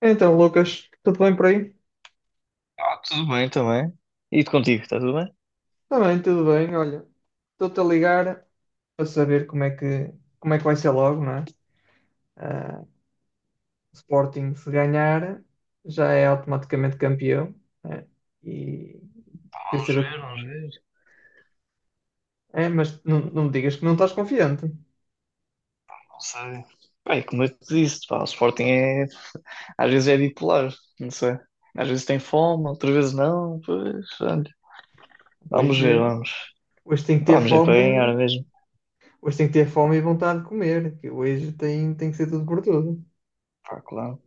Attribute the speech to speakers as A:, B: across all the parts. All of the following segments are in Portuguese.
A: Então, Lucas, tudo bem por aí?
B: Ah, tudo bem também. E de contigo, está tudo bem?
A: Também, tudo bem. Olha, estou-te a ligar para saber como é que vai ser logo, não é? Ah, o Sporting, se ganhar, já é automaticamente campeão, né? E
B: Pá,
A: quer
B: vamos
A: saber.
B: ver, vamos ver.
A: É, mas não me digas que não estás confiante.
B: Não sei. Bem, como eu te disse, pá, o Sporting é. Às vezes é bipolar, não sei. Às vezes tem fome, outras vezes não. Pois, olha. Vamos
A: Hoje,
B: ver, vamos.
A: hoje tem que
B: Pá,
A: ter
B: vamos é para ganhar
A: fome,
B: mesmo.
A: hoje tem que ter fome e vontade de comer, que hoje tem, tem que ser tudo por tudo.
B: Pá, claro,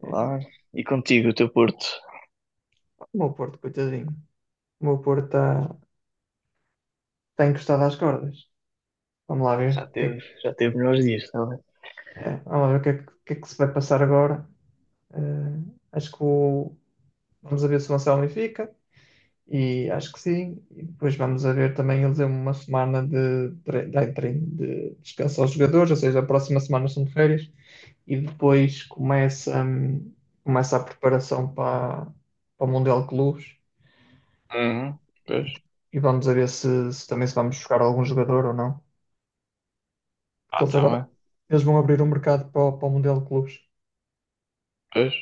A: É,
B: claro. E contigo, o teu Porto.
A: o meu Porto, coitadinho. O meu Porto está encostado às cordas. Vamos lá ver
B: Já
A: o que
B: teve,
A: é.
B: já teve melhores dias, está bem?
A: É, vamos ver o que é que, o que é que se vai passar agora. Eh, acho que vamos a ver se o Anselmo fica, e acho que sim. E depois vamos a ver também, eles deu uma semana de, de treino, de descanso aos jogadores, ou seja, a próxima semana são de férias, e depois começa, começa a preparação para, para o Mundial de Clubes,
B: Uhum.
A: e,
B: Pois,
A: e vamos a ver se, se também se vamos buscar algum jogador ou não, porque
B: ah,
A: eles
B: tá,
A: agora
B: também.
A: eles vão abrir um mercado para, para o Mundial de Clubes.
B: Pois.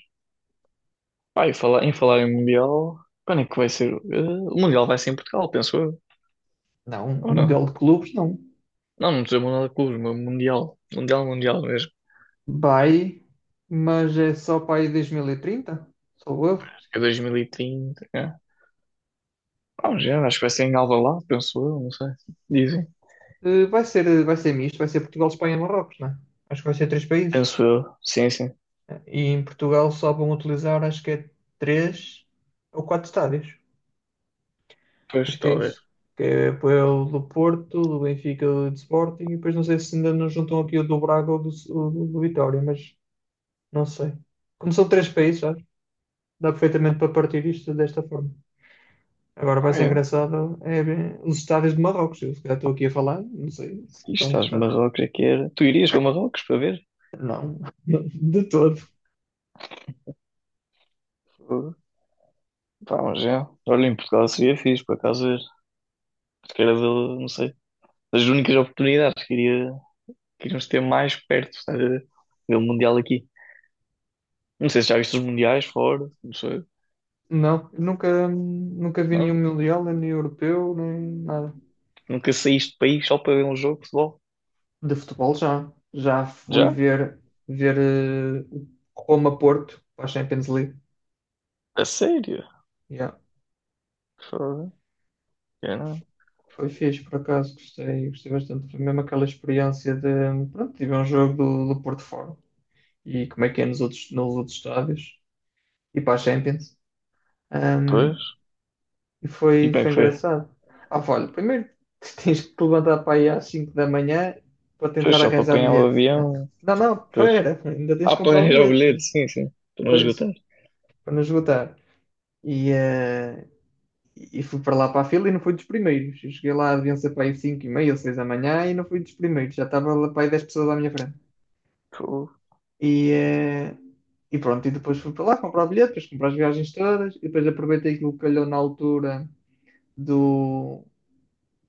B: Pá, e falar em Mundial, quando é que vai ser? Eh, o Mundial vai ser em Portugal, penso eu.
A: Não, um
B: Ou não?
A: Mundial de Clubes não.
B: Não, não estou Mundial de Clubes, mas Mundial. Mundial, Mundial mesmo.
A: Vai, mas é só para aí 2030, sou erro.
B: Acho que é 2030. É. Vamos ver, acho que vai ser em Alvalade, penso eu, não sei. Dizem.
A: Vai ser misto, vai ser Portugal, Espanha e Marrocos, né? Acho que vai ser três países.
B: Penso eu. Sim, sim.
A: E em Portugal só vão utilizar, acho que é três ou quatro estádios. Acho
B: Pois,
A: que é
B: talvez.
A: isso. Que é o do Porto, do Benfica, do Sporting, e depois não sei se ainda nos juntam aqui o do Braga ou do, do Vitória, mas não sei. Como são três países, sabe? Dá perfeitamente para partir isto desta forma. Agora vai
B: Ah,
A: ser
B: é.
A: engraçado é ver os estádios de Marrocos. Eu se calhar estou aqui a falar, não sei se estão
B: Isto estás no
A: prestados.
B: Marrocos aqui era. Tu irias para Marrocos para ver?
A: Não, de todo.
B: Fogo. Pá, vamos ver. Olha, em Portugal seria fixe, por acaso ver. Acho era, não sei, das únicas oportunidades que iria, que iríamos ter mais perto, estás a ver? Ver o Mundial aqui. Não sei se já viste os Mundiais fora, não sei.
A: Não, nunca vi nenhum
B: Não?
A: Mundial, nem europeu, nem nada.
B: Nunca saíste do país só para ver um jogo de futebol.
A: De futebol já. Já fui
B: Já?
A: ver, ver o Roma-Porto para a Champions League.
B: A sério?
A: Yeah.
B: Foda. Eu não.
A: Foi fixe, por acaso, gostei, gostei bastante. Foi mesmo aquela experiência de, pronto, tive um jogo do, do Porto fora. E como é que é nos outros estádios. E para a Champions.
B: Pois.
A: E
B: E
A: foi,
B: como é
A: foi
B: que foi?
A: engraçado. Ah, pá, olha, primeiro tens que te levantar para aí às 5 da manhã para
B: Pois
A: tentar
B: só para
A: arranjar
B: apanhar o
A: bilhete. Não, é?
B: avião.
A: Não, não,
B: Pois.
A: pera, ainda tens
B: Ah,
A: que
B: para
A: comprar o
B: arranjar o
A: bilhete.
B: bilhete, sim, sim. Para não
A: Pois,
B: esgotar.
A: para não esgotar. E, eh, e fui para lá para a fila e não fui dos primeiros. Eu cheguei lá a vencer para aí 5 e meia ou 6 da manhã e não fui dos primeiros. Já estava lá para aí 10 pessoas à minha frente.
B: Fogo.
A: E, eh, e pronto, e depois fui para lá comprar o bilhete, depois comprar as viagens todas, e depois aproveitei aquilo que calhou na altura do,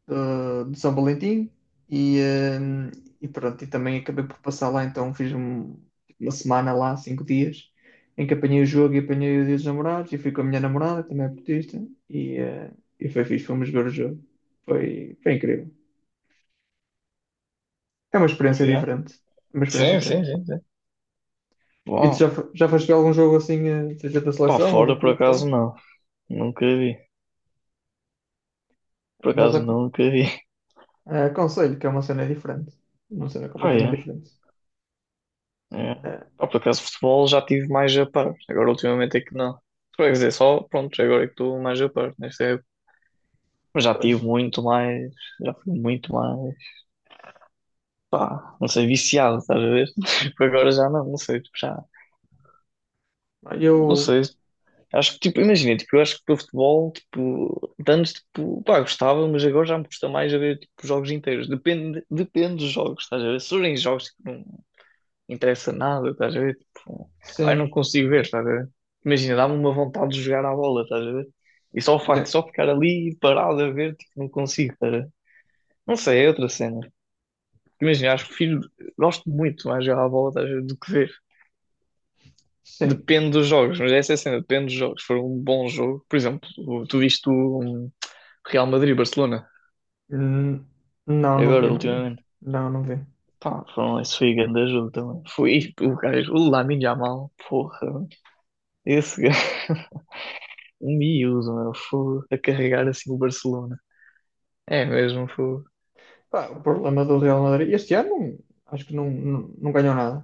A: de São Valentim e, hum, e pronto, e também acabei por passar lá, então fiz uma semana lá, 5 dias, em que apanhei o jogo e apanhei o dia dos namorados e fui com a minha namorada, que também é portista, e, eh, e foi fixe, fomos ver o jogo. Foi, foi incrível. É uma experiência
B: Yeah.
A: diferente. É uma experiência
B: Sim, sim,
A: diferente.
B: sim, sim.
A: E tu já,
B: Bom,
A: já foste ver algum jogo assim, seja da
B: para
A: seleção ou de um
B: fora por
A: clube fora?
B: acaso não. Nunca vi. Por
A: Mas
B: acaso nunca vi.
A: aconselho que é uma cena diferente. Uma cena
B: Ah, yeah.
A: completamente diferente.
B: É.
A: Eh,
B: Pá, por acaso futebol já tive mais a par. Agora ultimamente é que não. Quer dizer, só pronto, agora é que estou mais a par nesta época. Mas já tive
A: pois.
B: muito mais, já fui muito mais, pá, não sei, viciado, estás a ver? Tipo, agora já não, não sei, tipo, já não
A: Eu,
B: sei. Acho que, tipo, imagina, tipo, eu acho que para futebol, tipo, de antes, tipo, pá, gostava, mas agora já me custa mais a ver, tipo, jogos inteiros. Depende, depende dos jogos, estás a ver? Se forem jogos que não interessa nada, estás a ver? Tipo, pá, eu
A: sim.
B: não consigo ver, estás a ver? Imagina, dá-me uma vontade de jogar à bola, estás a ver? E só o facto de
A: É,
B: só ficar ali parado a ver, tipo, não consigo, estás a ver? Não sei, é outra cena. Imagina, acho que prefiro, gosto muito mais de jogar à bola, estás a ver, do que ver.
A: sim.
B: Depende dos jogos, mas essa é a cena, depende dos jogos. Se for um bom jogo, por exemplo, tu viste o um, Real Madrid-Barcelona,
A: Hum, não, não vi,
B: agora,
A: não vi.
B: ultimamente.
A: Não, não vi.
B: Pá, foram, esse foi grande jogo também. Foi o gajo, o Lamine Yamal, porra, esse gajo, um miúdo, meu, foi a carregar assim o Barcelona. É mesmo, foi.
A: Pá, o problema do Real Madrid. Este ano acho que não, não, não ganhou nada.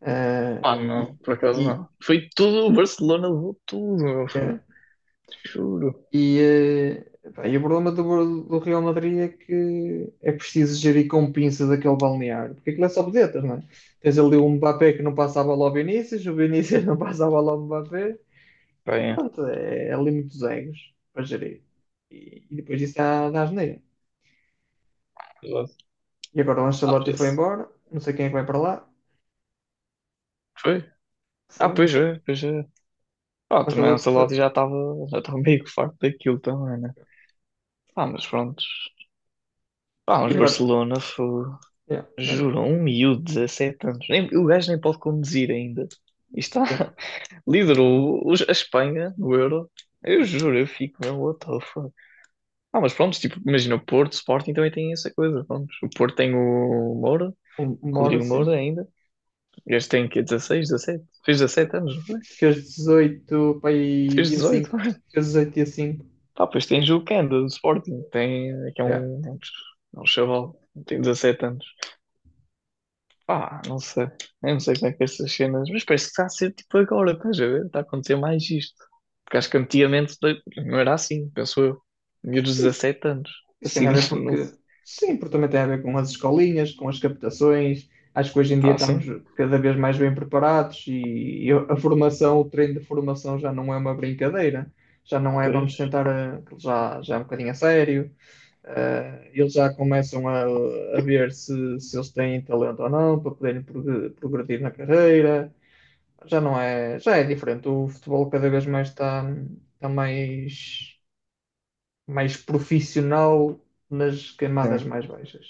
A: Eh,
B: Ah,
A: e,
B: não, por acaso
A: e,
B: não. Foi tudo, o Barcelona levou tudo, meu,
A: eh,
B: foi, juro.
A: e, pá, e o problema do, do Real Madrid é que é preciso gerir com pinças aquele balneário. Porque aquilo é só vedetas, não é? Tens ali o Mbappé que não passa a bola ao Vinícius, o Vinícius não passa a bola ao Mbappé. E
B: Bem, é.
A: pronto, é, é ali muitos egos para gerir. E depois disso dá, dá asneira. E agora o
B: Ah,
A: Ancelotti foi embora. Não sei quem é que vai para lá.
B: Foi? Ah,
A: Foi o
B: pois é, pois é. Pronto, também o
A: Ancelotti. Foi...
B: Ancelotti já estava meio que farto daquilo também, né? Ah, mas pronto. Ah,
A: E
B: mas
A: agora?
B: Barcelona foi,
A: Yeah,
B: juro,
A: ganhou.
B: um miúdo, 17 anos. Nem, o gajo nem pode conduzir ainda. E está,
A: Yeah.
B: liderou a Espanha no Euro. Eu juro, eu fico mesmo, what the fuck. Ah, mas pronto, tipo, imagina o Porto, o Sporting também tem essa coisa, pronto. O Porto tem o Moura,
A: Embora,
B: Rodrigo Moura
A: sim.
B: ainda. Este tem que 16 17? Fez 17 anos, não foi?
A: Fez 18 para aí
B: Fez
A: dia
B: dezoito
A: 5. Fez 18 dia 5.
B: Pá, pois tens o Kenda do Sporting, tem, que
A: Yeah.
B: é um chaval, tem 17 anos. Pá, não sei, eu não sei como é que é essas cenas, mas parece que está a ser tipo agora, estás a ver? Está a acontecer mais isto. Porque acho que antigamente não era assim, penso eu. Miúdos de
A: Isso,
B: 17 anos,
A: isso tem
B: assim,
A: a ver
B: não,
A: porque. Sim, porque também tem a ver com as escolinhas, com as captações. Acho que hoje em dia
B: pá,
A: estamos
B: assim,
A: cada vez mais bem preparados e a formação, o treino de formação já não é uma brincadeira. Já não é,
B: pois,
A: vamos tentar, já, já é um bocadinho a sério. Eles já começam a ver se, se eles têm talento ou não para poderem progredir na carreira. Já não é, já é diferente. O futebol cada vez mais está, está mais, mais profissional nas camadas
B: é.
A: mais baixas.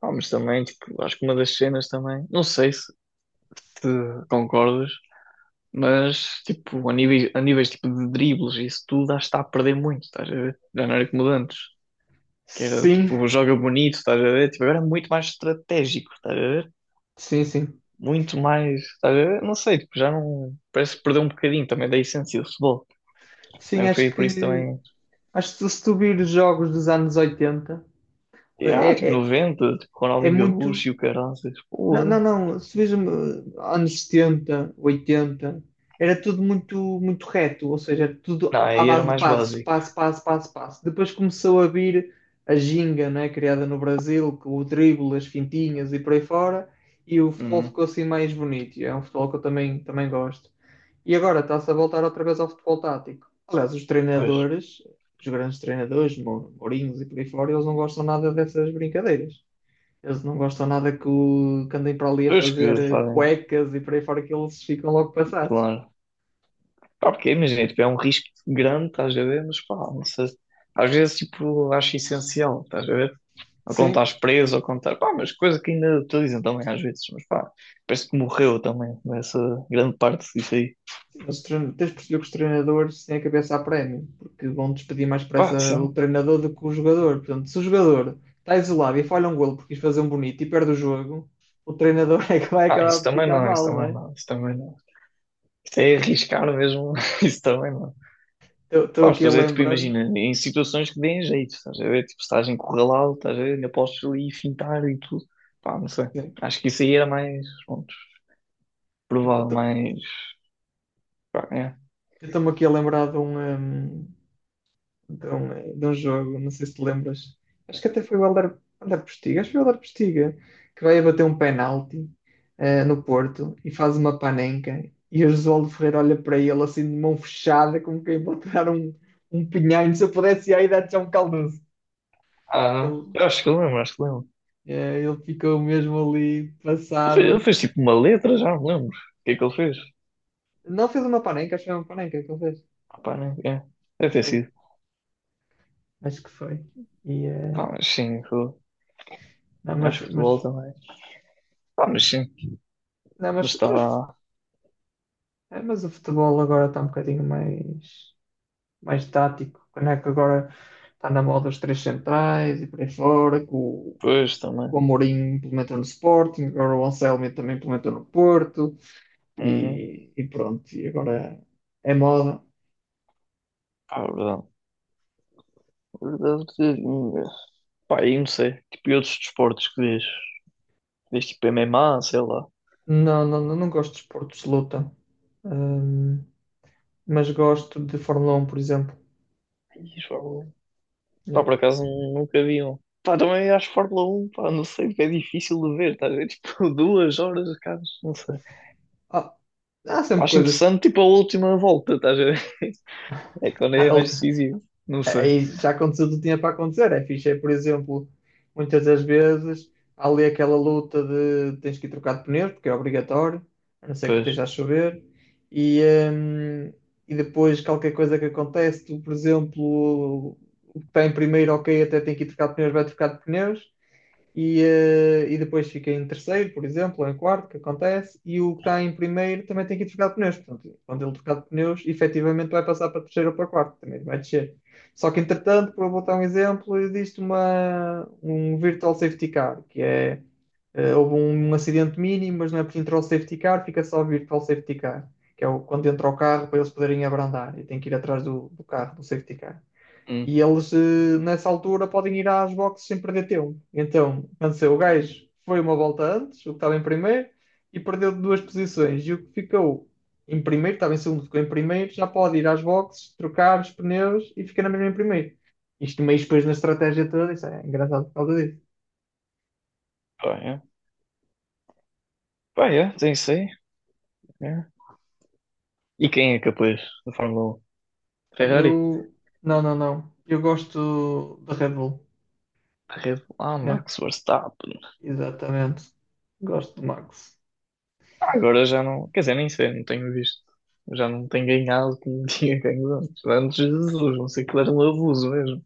B: Pá, mas também, tipo, acho que uma das cenas também, não sei se te concordas, mas, tipo, a níveis tipo, de dribles, isso tudo, acho que está a perder muito, estás a ver? Já não era como de antes. Que era
A: Sim,
B: tipo, joga bonito, estás a ver? Tipo, agora é muito mais estratégico, estás a ver?
A: sim, sim.
B: Muito mais, estás a ver? Não sei, tipo, já não. Parece que perdeu um bocadinho também da essência do futebol.
A: Sim,
B: Também foi por isso também.
A: acho que se tu vires jogos dos anos 80,
B: E, ah, tipo,
A: é, é,
B: 90, tipo,
A: é
B: Ronaldinho
A: muito.
B: Gaúcho e o Caranças,
A: Não,
B: porra.
A: não, não, se vejo anos 70, 80 era tudo muito, muito reto, ou seja, era
B: Não,
A: tudo à
B: aí era
A: base de
B: mais
A: passos,
B: básico.
A: passo, passo, passo, passo. Depois começou a vir a ginga, não é, criada no Brasil, com o drible, as fintinhas e por aí fora, e o futebol
B: Hum,
A: ficou assim mais bonito. E É um futebol que eu também, também gosto. E agora está-se a voltar outra vez ao futebol tático. Aliás, os
B: pois,
A: treinadores, os grandes treinadores, Mourinhos e por aí fora, eles não gostam nada dessas brincadeiras. Eles não gostam nada que, o, que andem para ali a
B: pois que
A: fazer
B: fazem,
A: cuecas e por aí fora que eles ficam logo passados.
B: claro. Pá, porque imagina, tipo, é um risco grande, estás a ver? Mas pá, não sei. Às vezes, tipo, acho essencial, estás a ver? Ou quando
A: Sim,
B: estás preso, ou quando estás. Pá, mas coisa que ainda te dizem também às vezes, mas pá, parece que morreu também nessa grande parte disso aí.
A: sim, os tens de perceber que os treinadores têm a cabeça a prémio, porque vão despedir mais
B: Pá,
A: pressa o
B: sim.
A: treinador do que o jogador. Portanto, se o jogador está isolado e falha um golo porque quis fazer um bonito e perde o jogo, o treinador é que vai
B: Ah,
A: acabar
B: isso
A: por
B: também
A: ficar
B: não, isso
A: mal,
B: também
A: né?
B: não, isso também não. Isto é arriscar mesmo, isso também não.
A: Estou
B: Pá,
A: aqui
B: estou a
A: a
B: dizer, tipo,
A: lembrar.
B: imagina, em situações que deem jeito, estás a ver? Tipo, se estás encurralado, estás a ver? Ainda podes ali fintar e tudo. Pá, não sei.
A: Sim.
B: Acho que isso aí era mais, pronto, provável,
A: Eu
B: mais. Pá, é.
A: estou-me aqui a lembrar de um, então, é, de um jogo, não sei se te lembras. Acho que até foi o Helder, Helder Postiga, acho que foi o Helder Postiga, que vai a bater um penalti no Porto e faz uma panenca. E o Josualdo Ferreira olha para ele assim de mão fechada, como quem vai tirar um, um pinhão. Se eu pudesse ir aí, dar-te já é um caldoso.
B: Ah,
A: Ele,
B: eu acho que lembro, acho que lembro.
A: ele ficou mesmo ali
B: Ele fez, ele
A: passado.
B: fez, tipo uma letra, já me lembro. O que é que ele fez?
A: Não fez uma panenca, acho que foi uma panenca que ele fez.
B: Pá, né é, deve
A: Acho
B: ter
A: que foi.
B: sido.
A: Acho que foi. E, eh,
B: Pá, mas sim,
A: não,
B: acho que futebol
A: mas,
B: também. Pá, mas sim,
A: não,
B: mas
A: mas,
B: está.
A: é, mas o futebol agora está um bocadinho mais, mais tático, né? Que agora está na moda os três centrais e por aí fora, que
B: Pois também.
A: o Amorim implementou no Sporting, agora o Anselmi também implementou no Porto
B: Uhum.
A: e pronto, e agora é moda.
B: Pá, é verdade. É verdade. Pá, aí não sei. Tipo, e outros desportos que vês? Vês tipo MMA, sei lá.
A: Não, não, não, não gosto de esportes de luta, hum, mas gosto de Fórmula um por exemplo.
B: Ih, Fórmula 1.
A: Yeah.
B: Pá, por acaso nunca vi um. Pá, também acho Fórmula um pá, não sei, é difícil de ver, estás a ver? Tipo, 2 horas, cara, não sei.
A: Ah, há sempre
B: Acho
A: coisas.
B: interessante, tipo, a última volta, estás a ver? É quando é mais
A: há-
B: decisivo, não sei.
A: Aí já aconteceu o que tinha para acontecer. É fixe, é, por exemplo, muitas das vezes há ali aquela luta de tens que ir trocar de pneus, porque é obrigatório, a não ser que
B: Pois.
A: esteja a chover, e, hum, e depois qualquer coisa que acontece, tu, por exemplo, o que está em primeiro, ok, até tem que ir trocar de pneus, vai trocar de pneus, e depois fica em terceiro, por exemplo, ou em quarto, que acontece, e o que está em primeiro também tem que ir trocar de pneus. Portanto, quando ele trocar de pneus, efetivamente vai passar para terceiro ou para quarto, também vai descer. Só que, entretanto, para botar um exemplo, existe uma, um virtual safety car, que é, houve um, um acidente mínimo, mas não é por entrar o safety car, fica só o virtual safety car, que é o, quando entra o carro para eles poderem abrandar, e tem que ir atrás do, do carro, do safety car.
B: Hum.
A: E eles, nessa altura, podem ir às boxes sem perder tempo. Então, cansei o gajo, foi uma volta antes, o que estava em primeiro, e perdeu duas posições. E o que ficou em primeiro, estava em segundo, ficou em primeiro, já pode ir às boxes, trocar os pneus e ficar na mesma em primeiro. Isto meio depois na estratégia toda, isso é engraçado por causa disso.
B: Pá, é. Pá, yeah, tem isso aí. Yeah. E quem é capaz da Fórmula 1?
A: Olha,
B: Ferrari?
A: eu. Não, não, não. Eu gosto da Red Bull,
B: Red Bull, ah,
A: né?
B: Max Verstappen.
A: Exatamente. Gosto do Max.
B: Ah, agora já não. Quer dizer, nem sei, não tenho visto. Já não tenho ganhado como tinha ganho antes. Antes de Jesus, não sei que era um abuso mesmo.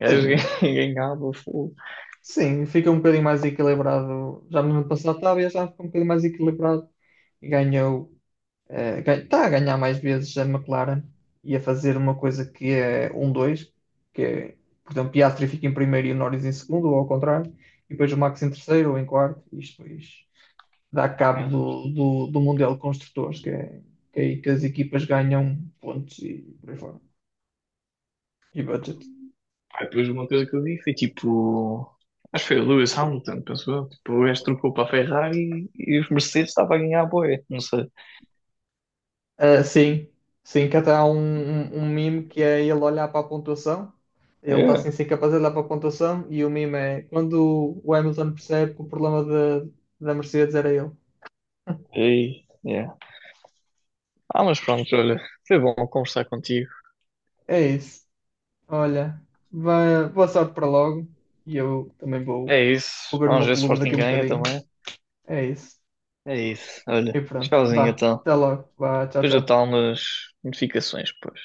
B: Gajo
A: Sim,
B: ganhava fogo.
A: sim, fica um bocadinho mais equilibrado. Já no ano passado estava, e já ficou um bocadinho mais equilibrado. E ganhou, está a ganhar mais vezes a McLaren e a fazer uma coisa que é um dois, que é, por exemplo, Piastri fica em primeiro e o Norris em segundo, ou ao contrário, e depois o Max em terceiro ou em quarto. E isto depois dá cabo
B: Pá,
A: do, do, do Mundial de Construtores, que é aí que as equipas ganham pontos e por aí fora. E budget.
B: pá, depois uma coisa que eu vi foi tipo. Acho que foi o Lewis Hamilton, pensou eu. Tipo, o gajo trocou para a Ferrari e os Mercedes estavam a ganhar a boia. Não sei.
A: Ah, sim, sim, que até há um, um, um meme que é ele olhar para a pontuação, ele está
B: É,
A: assim sem capaz de olhar para a pontuação, e o meme é quando o Hamilton percebe que o problema da da Mercedes era ele.
B: e, é. Ah, mas pronto, olha, foi bom conversar contigo.
A: É isso, olha, boa sorte para logo, e eu também vou,
B: É isso.
A: vou ver o
B: Vamos
A: meu
B: ver se o
A: clube
B: Sporting
A: daqui a um
B: ganha
A: bocadinho.
B: também.
A: É isso,
B: É isso.
A: e
B: Olha,
A: pronto,
B: tchauzinho
A: vá,
B: então.
A: até logo, vá, tchau,
B: Depois eu
A: tchau.
B: tal nas notificações, pois.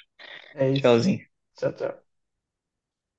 A: É isso,
B: Tchauzinho.
A: tchau, tchau.